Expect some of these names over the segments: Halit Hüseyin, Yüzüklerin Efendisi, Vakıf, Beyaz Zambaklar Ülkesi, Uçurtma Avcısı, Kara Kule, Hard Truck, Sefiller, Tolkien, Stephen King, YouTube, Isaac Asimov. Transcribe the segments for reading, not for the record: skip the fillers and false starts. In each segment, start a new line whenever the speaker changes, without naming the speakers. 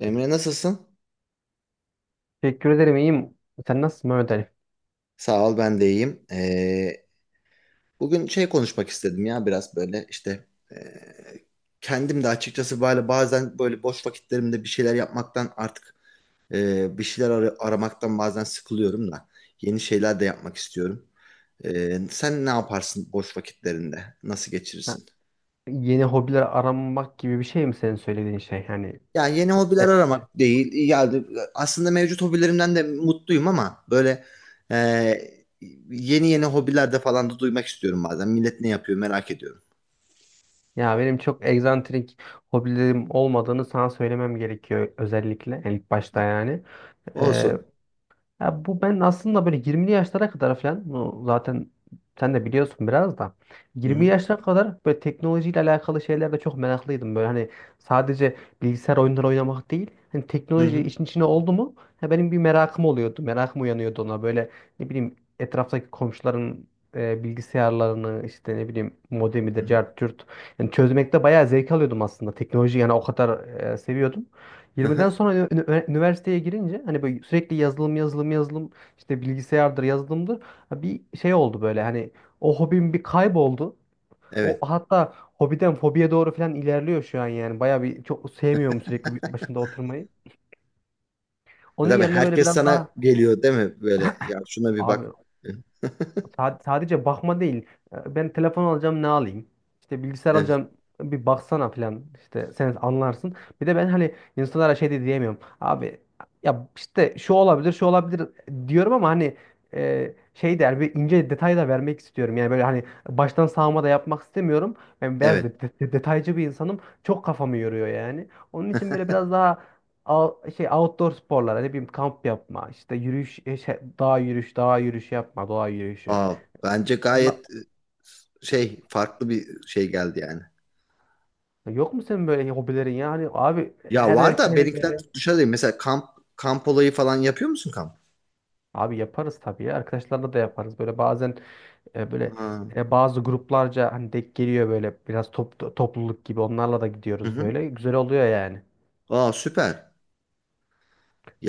Emre nasılsın?
Teşekkür ederim iyiyim. Sen nasılsın Mehmet Ali?
Sağ ol ben de iyiyim. Bugün şey konuşmak istedim ya biraz böyle işte ee, kendim de açıkçası böyle bazen böyle boş vakitlerimde bir şeyler yapmaktan artık bir şeyler aramaktan bazen sıkılıyorum da yeni şeyler de yapmak istiyorum. Sen ne yaparsın boş vakitlerinde? Nasıl
Ha,
geçirirsin?
yeni hobiler aramak gibi bir şey mi senin söylediğin şey? Yani
Yani yeni hobiler
e,
aramak değil. Yani aslında mevcut hobilerimden de mutluyum ama böyle e, yeni yeni hobilerde falan da duymak istiyorum bazen. Millet ne yapıyor merak ediyorum.
ya benim çok egzantrik hobilerim olmadığını sana söylemem gerekiyor özellikle yani ilk başta yani.
Olsun.
Ya bu ben aslında böyle 20'li yaşlara kadar falan bu zaten sen de biliyorsun biraz da
Hı
20
hı.
yaşlara kadar böyle teknolojiyle alakalı şeylerde çok meraklıydım. Böyle hani sadece bilgisayar oyunları oynamak değil hani
Hı
teknoloji
hı.
işin içine oldu mu ya benim bir merakım oluyordu. Merakım uyanıyordu ona böyle ne bileyim etraftaki komşuların bilgisayarlarını işte ne bileyim
Hı
modemidir,
hı.
cart curt. Yani çözmekte bayağı zevk alıyordum aslında. Teknoloji yani o kadar seviyordum.
Hı
20'den
hı.
sonra üniversiteye girince hani böyle sürekli yazılım yazılım yazılım işte bilgisayardır yazılımdır. Ha, bir şey oldu böyle hani o hobim bir kayboldu. O
Evet.
hatta hobiden fobiye doğru falan ilerliyor şu an yani. Bayağı bir çok sevmiyorum sürekli bir başında oturmayı. Onun
Tabii
yerine böyle
herkes
biraz
sana
daha
geliyor değil mi? Böyle ya şuna bir
abi.
bak.
Sadece bakma değil. Ben telefon alacağım, ne alayım? İşte bilgisayar
Evet.
alacağım, bir baksana falan. İşte sen anlarsın. Bir de ben hani insanlara şey de diyemiyorum. Abi ya işte şu olabilir şu olabilir diyorum ama hani şey der, bir ince detay da vermek istiyorum. Yani böyle hani baştan sağma da yapmak istemiyorum. Ben biraz
Evet.
detaycı bir insanım. Çok kafamı yoruyor yani. Onun için böyle biraz daha şey outdoor sporlar, ne bileyim kamp yapma, işte yürüyüş, dağ yürüyüşü yapma, doğa yürüyüşü.
Aa, bence
Ondan...
gayet şey farklı bir şey geldi yani.
Yok mu senin böyle hobilerin ya? Hani abi
Ya
her
var da
erkeğin
benimkiler
böyle.
dışarıdayım. Mesela kamp kamp olayı falan yapıyor musun kamp?
Abi yaparız tabii ya. Arkadaşlarla da yaparız. Böyle bazen böyle
Ha.
bazı gruplarca hani denk geliyor, böyle biraz topluluk gibi, onlarla da
Hı
gidiyoruz
hı.
böyle. Güzel oluyor yani.
Aa süper.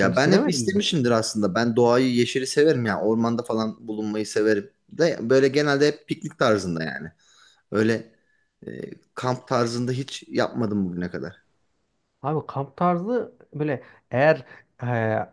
Sen hiç
ben hep
denemedin mi?
istemişimdir aslında. Ben doğayı, yeşili severim ya. Ormanda falan bulunmayı severim. De böyle genelde hep piknik tarzında yani. Öyle kamp tarzında hiç yapmadım bugüne kadar.
Abi kamp tarzı böyle, eğer e,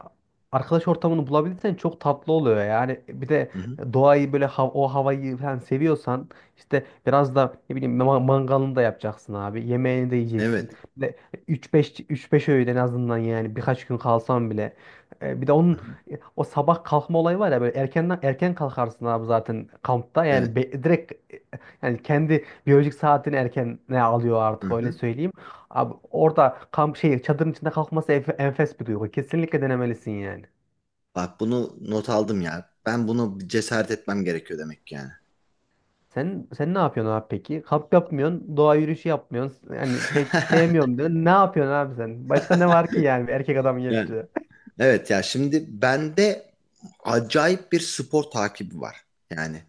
arkadaş ortamını bulabilirsen çok tatlı oluyor. Yani bir de
Hı hı.
doğayı böyle o havayı falan seviyorsan işte biraz da ne bileyim mangalını da yapacaksın abi. Yemeğini de yiyeceksin.
Evet.
Bir de 3-5 öğün en azından, yani birkaç gün kalsan bile. Bir de
Hı
onun
hı.
o sabah kalkma olayı var ya, böyle erkenden erken kalkarsın abi zaten kampta.
Evet.
Yani direkt, yani kendi biyolojik saatini erken ne alıyor
Hı
artık, öyle
hı.
söyleyeyim. Abi orada kamp şey çadırın içinde kalkması enfes bir duygu. Kesinlikle denemelisin yani.
Bak bunu not aldım ya. Ben bunu bir cesaret etmem gerekiyor demek ki yani.
Sen ne yapıyorsun abi peki? Kamp yapmıyorsun, doğa yürüyüşü yapmıyorsun. Yani pek sevmiyorum diyorsun. Ne yapıyorsun abi sen? Başka ne var ki yani bir erkek adamın
Yani
yapacağı?
evet ya şimdi bende acayip bir spor takibi var. Yani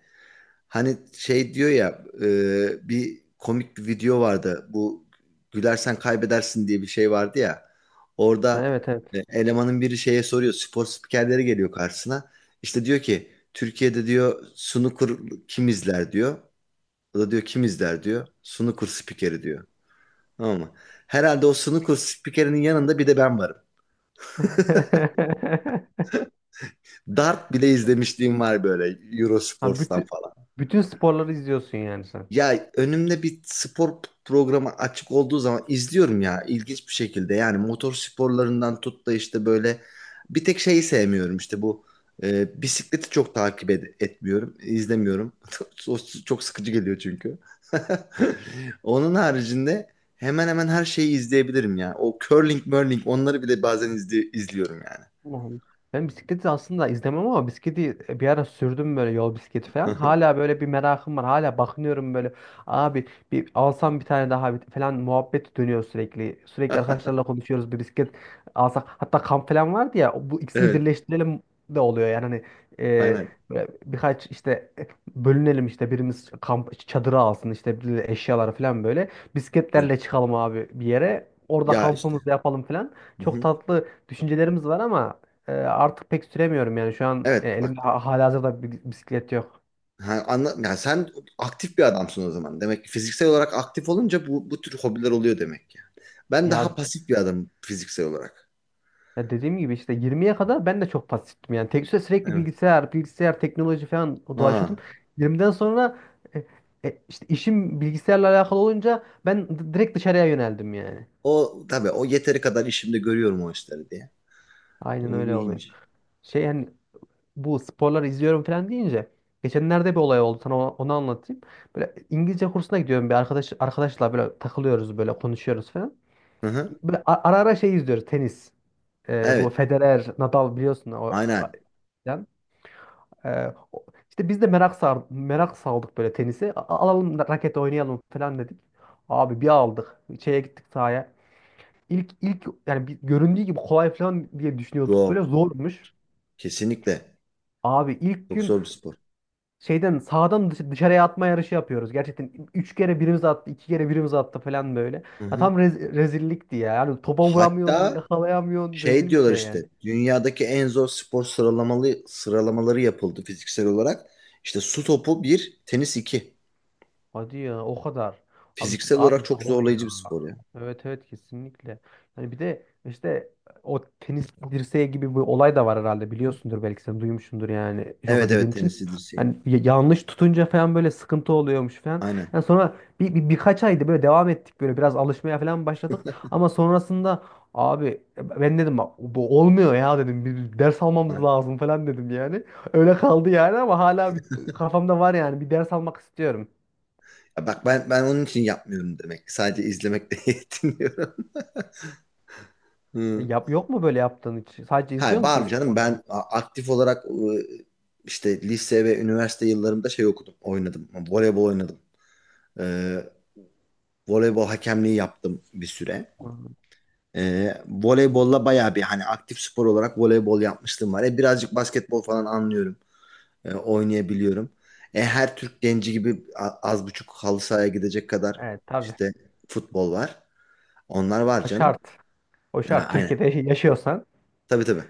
hani şey diyor ya bir komik bir video vardı. Bu gülersen kaybedersin diye bir şey vardı ya. Orada
Evet, evet.
elemanın biri şeye soruyor. Spor spikerleri geliyor karşısına. İşte diyor ki Türkiye'de diyor snooker kim izler diyor. O da diyor kim izler diyor. Snooker spikeri diyor. Tamam mı? Herhalde o snooker spikerinin yanında bir de ben varım. Dart bile izlemişliğim var böyle
Ha,
Eurosports'tan.
bütün sporları izliyorsun yani sen.
Ya önümde bir spor programı açık olduğu zaman izliyorum ya ilginç bir şekilde. Yani motor sporlarından tut da işte böyle bir tek şeyi sevmiyorum işte bu bisikleti çok takip etmiyorum, izlemiyorum. O çok sıkıcı geliyor çünkü. Onun haricinde hemen hemen her şeyi izleyebilirim ya. O curling, murling onları bile bazen izliyorum yani.
Allah Allah. Ben bisikleti aslında izlemem ama bisikleti bir ara sürdüm böyle, yol bisikleti falan. Hala böyle bir merakım var. Hala bakınıyorum böyle. Abi bir alsam bir tane daha falan muhabbet dönüyor sürekli. Sürekli arkadaşlarla konuşuyoruz bir bisiklet alsak. Hatta kamp falan vardı ya, bu ikisini
Evet,
birleştirelim de oluyor yani hani, e,
aynen.
böyle birkaç işte bölünelim, işte birimiz kamp çadırı alsın işte, bir eşyaları falan böyle
Evet.
bisikletlerle çıkalım abi bir yere, orada
Ya işte.
kampımızı yapalım falan.
Hı
Çok
hı.
tatlı düşüncelerimiz var ama artık pek süremiyorum yani şu an,
Evet,
elimde
bak.
halihazırda bir bisiklet yok.
Ha, anla, yani sen aktif bir adamsın o zaman. Demek ki fiziksel olarak aktif olunca bu tür hobiler oluyor demek ki. Ben daha
Ya,
pasif bir adamım fiziksel olarak.
ya dediğim gibi işte 20'ye kadar ben de çok pasiftim yani. Tek süre sürekli
Evet.
bilgisayar, bilgisayar, teknoloji falan dolaşıyordum.
Ha.
20'den sonra e, işte işim bilgisayarla alakalı olunca ben direkt dışarıya yöneldim yani.
O tabii o yeteri kadar işimde görüyorum o işleri diye.
Aynen
O
öyle oluyor.
iyiymiş.
Şey hani bu sporları izliyorum falan deyince, geçenlerde bir olay oldu, sana onu anlatayım. Böyle İngilizce kursuna gidiyorum bir arkadaşla böyle takılıyoruz, böyle konuşuyoruz falan.
Hı hı.
Böyle ara ara şey izliyoruz, tenis. Bu
Evet.
Federer, Nadal biliyorsun, o
Aynen.
filan. İşte biz de merak saldık böyle tenisi. Alalım raket oynayalım falan dedik. Abi bir aldık. Şeye gittik, sahaya. İlk yani göründüğü gibi kolay falan diye düşünüyorduk, böyle
Çok.
zormuş.
Kesinlikle.
Abi ilk
Çok
gün
zor bir spor.
şeyden sağdan dışarıya atma yarışı yapıyoruz. Gerçekten üç kere birimiz attı, iki kere birimiz attı falan böyle.
Hı
Ya
hı.
tam rezillikti ya. Yani topa vuramıyorsun,
Hatta
yakalayamıyorsun.
şey
Rezil bir
diyorlar
şey yani.
işte dünyadaki en zor spor sıralamaları yapıldı fiziksel olarak. İşte su topu bir, tenis iki.
Hadi ya, o kadar. Abi
Fiziksel
abi
olarak çok
doğru ya.
zorlayıcı bir spor ya.
Evet evet, kesinlikle. Yani bir de işte o tenis dirseği gibi bir olay da var herhalde, biliyorsundur belki, sen duymuşsundur yani çok
Evet
izlediğin
evet
için.
tenisidir şey.
Yani yanlış tutunca falan böyle sıkıntı oluyormuş falan.
Aynen.
Yani sonra birkaç ayda böyle devam ettik, böyle biraz alışmaya falan başladık. Ama sonrasında abi ben dedim, "Bak, bu olmuyor ya," dedim, "bir ders almamız
Aynen.
lazım" falan dedim yani. Öyle kaldı yani ama hala bir, kafamda var yani, bir ders almak istiyorum.
Ya bak ben onun için yapmıyorum demek. Sadece izlemekle yetiniyorum. Hı.
Yap, yok mu böyle yaptığın hiç? Sadece izliyor
Ha var mı
musunuz
canım
sporları?
ben aktif olarak işte lise ve üniversite yıllarımda şey okudum, oynadım. Voleybol oynadım. Ee, voleybol hakemliği yaptım bir süre.
Hı.
Voleybolla bayağı bir hani aktif spor olarak voleybol yapmıştım var. Birazcık basketbol falan anlıyorum. Oynayabiliyorum. Her Türk genci gibi az buçuk halı sahaya gidecek kadar
Evet tabii.
işte futbol var. Onlar var
O
canım.
şart. O
Ha,
şart.
aynen.
Türkiye'de yaşıyorsan
Tabii tabii.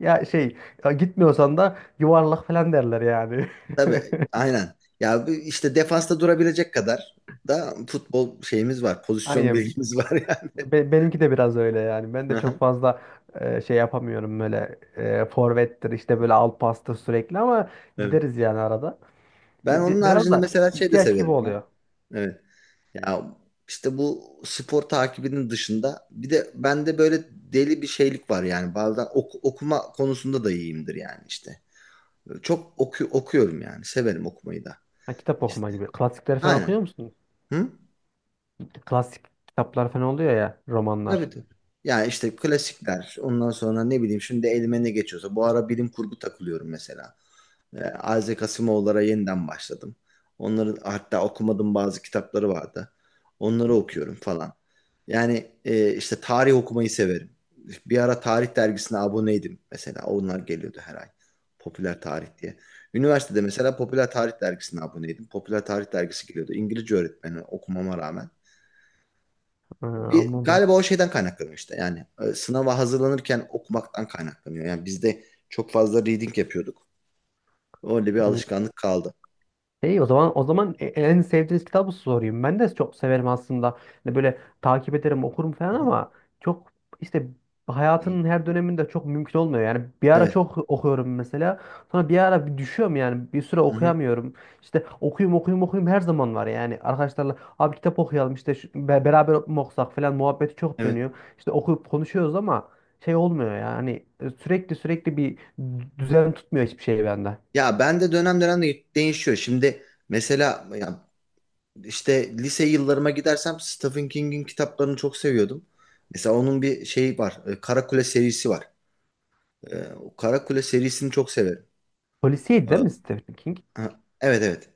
ya şey, ya gitmiyorsan da yuvarlak falan derler yani.
Tabii aynen. Ya bu işte defansta durabilecek kadar da futbol şeyimiz var. Pozisyon
Aynen.
bilgimiz var yani.
Benimki de biraz öyle yani. Ben de çok
Aha,
fazla şey yapamıyorum böyle, forvettir işte böyle alt pastır sürekli, ama
evet.
gideriz yani arada.
Ben
Hani
onun
biraz
haricinde
da
mesela şey de
ihtiyaç gibi
severim ya.
oluyor.
Evet. Ya işte bu spor takibinin dışında bir de bende böyle deli bir şeylik var yani. Bazen okuma konusunda da iyiyimdir yani işte. Çok okuyorum yani. Severim okumayı da.
Ha, kitap okuma
İşte.
gibi. Klasikleri falan okuyor
Aynen.
musun?
Hı?
Klasik kitaplar falan oluyor ya,
Tabii
romanlar.
tabii. Ya işte klasikler. Ondan sonra ne bileyim şimdi elime ne geçiyorsa. Bu ara bilim kurgu takılıyorum mesela. Isaac Asimov'lara yeniden başladım. Onları hatta okumadığım bazı kitapları vardı. Onları okuyorum falan. Yani işte tarih okumayı severim. Bir ara tarih dergisine aboneydim mesela. Onlar geliyordu her ay. Popüler tarih diye. Üniversitede mesela popüler tarih dergisine aboneydim. Popüler tarih dergisi geliyordu. İngilizce öğretmeni okumama rağmen.
Ha,
Bir,
anladım.
galiba o şeyden kaynaklanıyor işte. Yani sınava hazırlanırken okumaktan kaynaklanıyor. Yani biz de çok fazla reading yapıyorduk. Öyle bir alışkanlık kaldı.
İyi, o zaman en sevdiğiniz kitabı sorayım. Ben de çok severim aslında. Hani böyle takip ederim, okurum falan ama çok işte
İyi.
hayatının her döneminde çok mümkün olmuyor. Yani bir ara
Evet.
çok okuyorum mesela. Sonra bir ara bir düşüyorum yani. Bir süre
Hı-hı.
okuyamıyorum. İşte okuyayım okuyayım okuyayım her zaman var yani. Arkadaşlarla abi kitap okuyalım, işte beraber mi okusak falan muhabbeti çok
Evet.
dönüyor. İşte okuyup konuşuyoruz ama şey olmuyor yani. Sürekli bir düzen tutmuyor hiçbir şey bende.
Ya ben de dönem dönem de değişiyor. Şimdi mesela ya işte lise yıllarıma gidersem Stephen King'in kitaplarını çok seviyordum. Mesela onun bir şeyi var. Kara Kule serisi var. O Kara Kule serisini çok severim.
Polisiydi değil
E,
mi Stephen King?
ha, evet evet.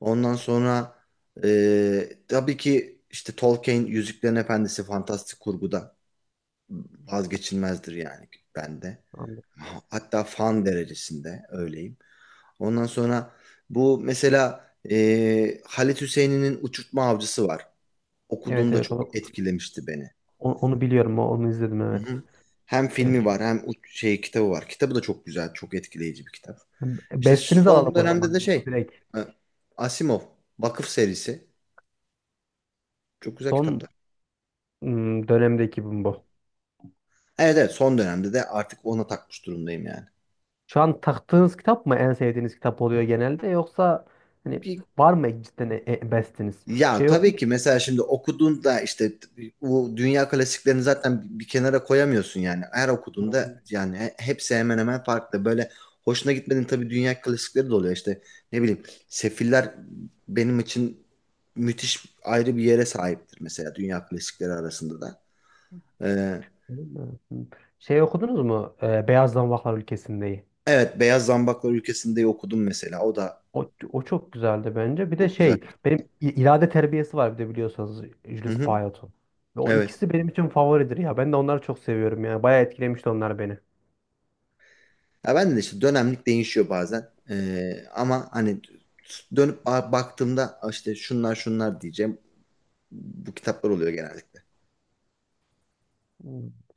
Ondan sonra tabii ki işte Tolkien Yüzüklerin Efendisi fantastik kurguda vazgeçilmezdir yani bende.
Anladım.
Hatta fan derecesinde öyleyim. Ondan sonra bu mesela Halit Hüseyin'in Uçurtma Avcısı var.
Evet
Okuduğumda
evet
çok etkilemişti beni.
onu biliyorum. Onu izledim,
Hı
evet.
hı. Hem
Evet.
filmi var hem şey kitabı var. Kitabı da çok güzel, çok etkileyici bir kitap. İşte
Bestinizi alalım
son
o
dönemde de
zaman
şey
direkt.
e, Asimov Vakıf serisi çok güzel
Son
kitaplar.
dönemdeki bu. Bu.
Evet evet son dönemde de artık ona takmış durumdayım yani.
Şu an taktığınız kitap mı en sevdiğiniz kitap oluyor genelde, yoksa hani
Bir-
var mı cidden bestiniz?
ya
Şey yok.
tabii ki mesela şimdi okuduğunda işte bu dünya klasiklerini zaten bir kenara koyamıyorsun yani. Her
Hı
okuduğunda yani hepsi hemen hemen farklı. Böyle hoşuna gitmediğin tabii dünya klasikleri de oluyor işte. Ne bileyim Sefiller benim için müthiş ayrı bir yere sahiptir mesela dünya klasikleri arasında da. Ee,
hı. Şey okudunuz mu? Beyaz Zanvaklar Ülkesinde'yi.
evet Beyaz Zambaklar Ülkesi'ndeyi okudum mesela. O da
O, o çok güzeldi bence. Bir de
çok güzel.
şey, benim irade terbiyesi var, bir de biliyorsanız
Hı
Jules
hı.
Bayot'un. Ve o
Evet.
ikisi benim için favoridir ya. Ben de onları çok seviyorum yani. Bayağı etkilemişti onlar beni.
Ya ben de işte dönemlik değişiyor bazen. Ama hani dönüp baktığımda "Ah, işte şunlar şunlar diyeceğim. Bu kitaplar oluyor genellikle.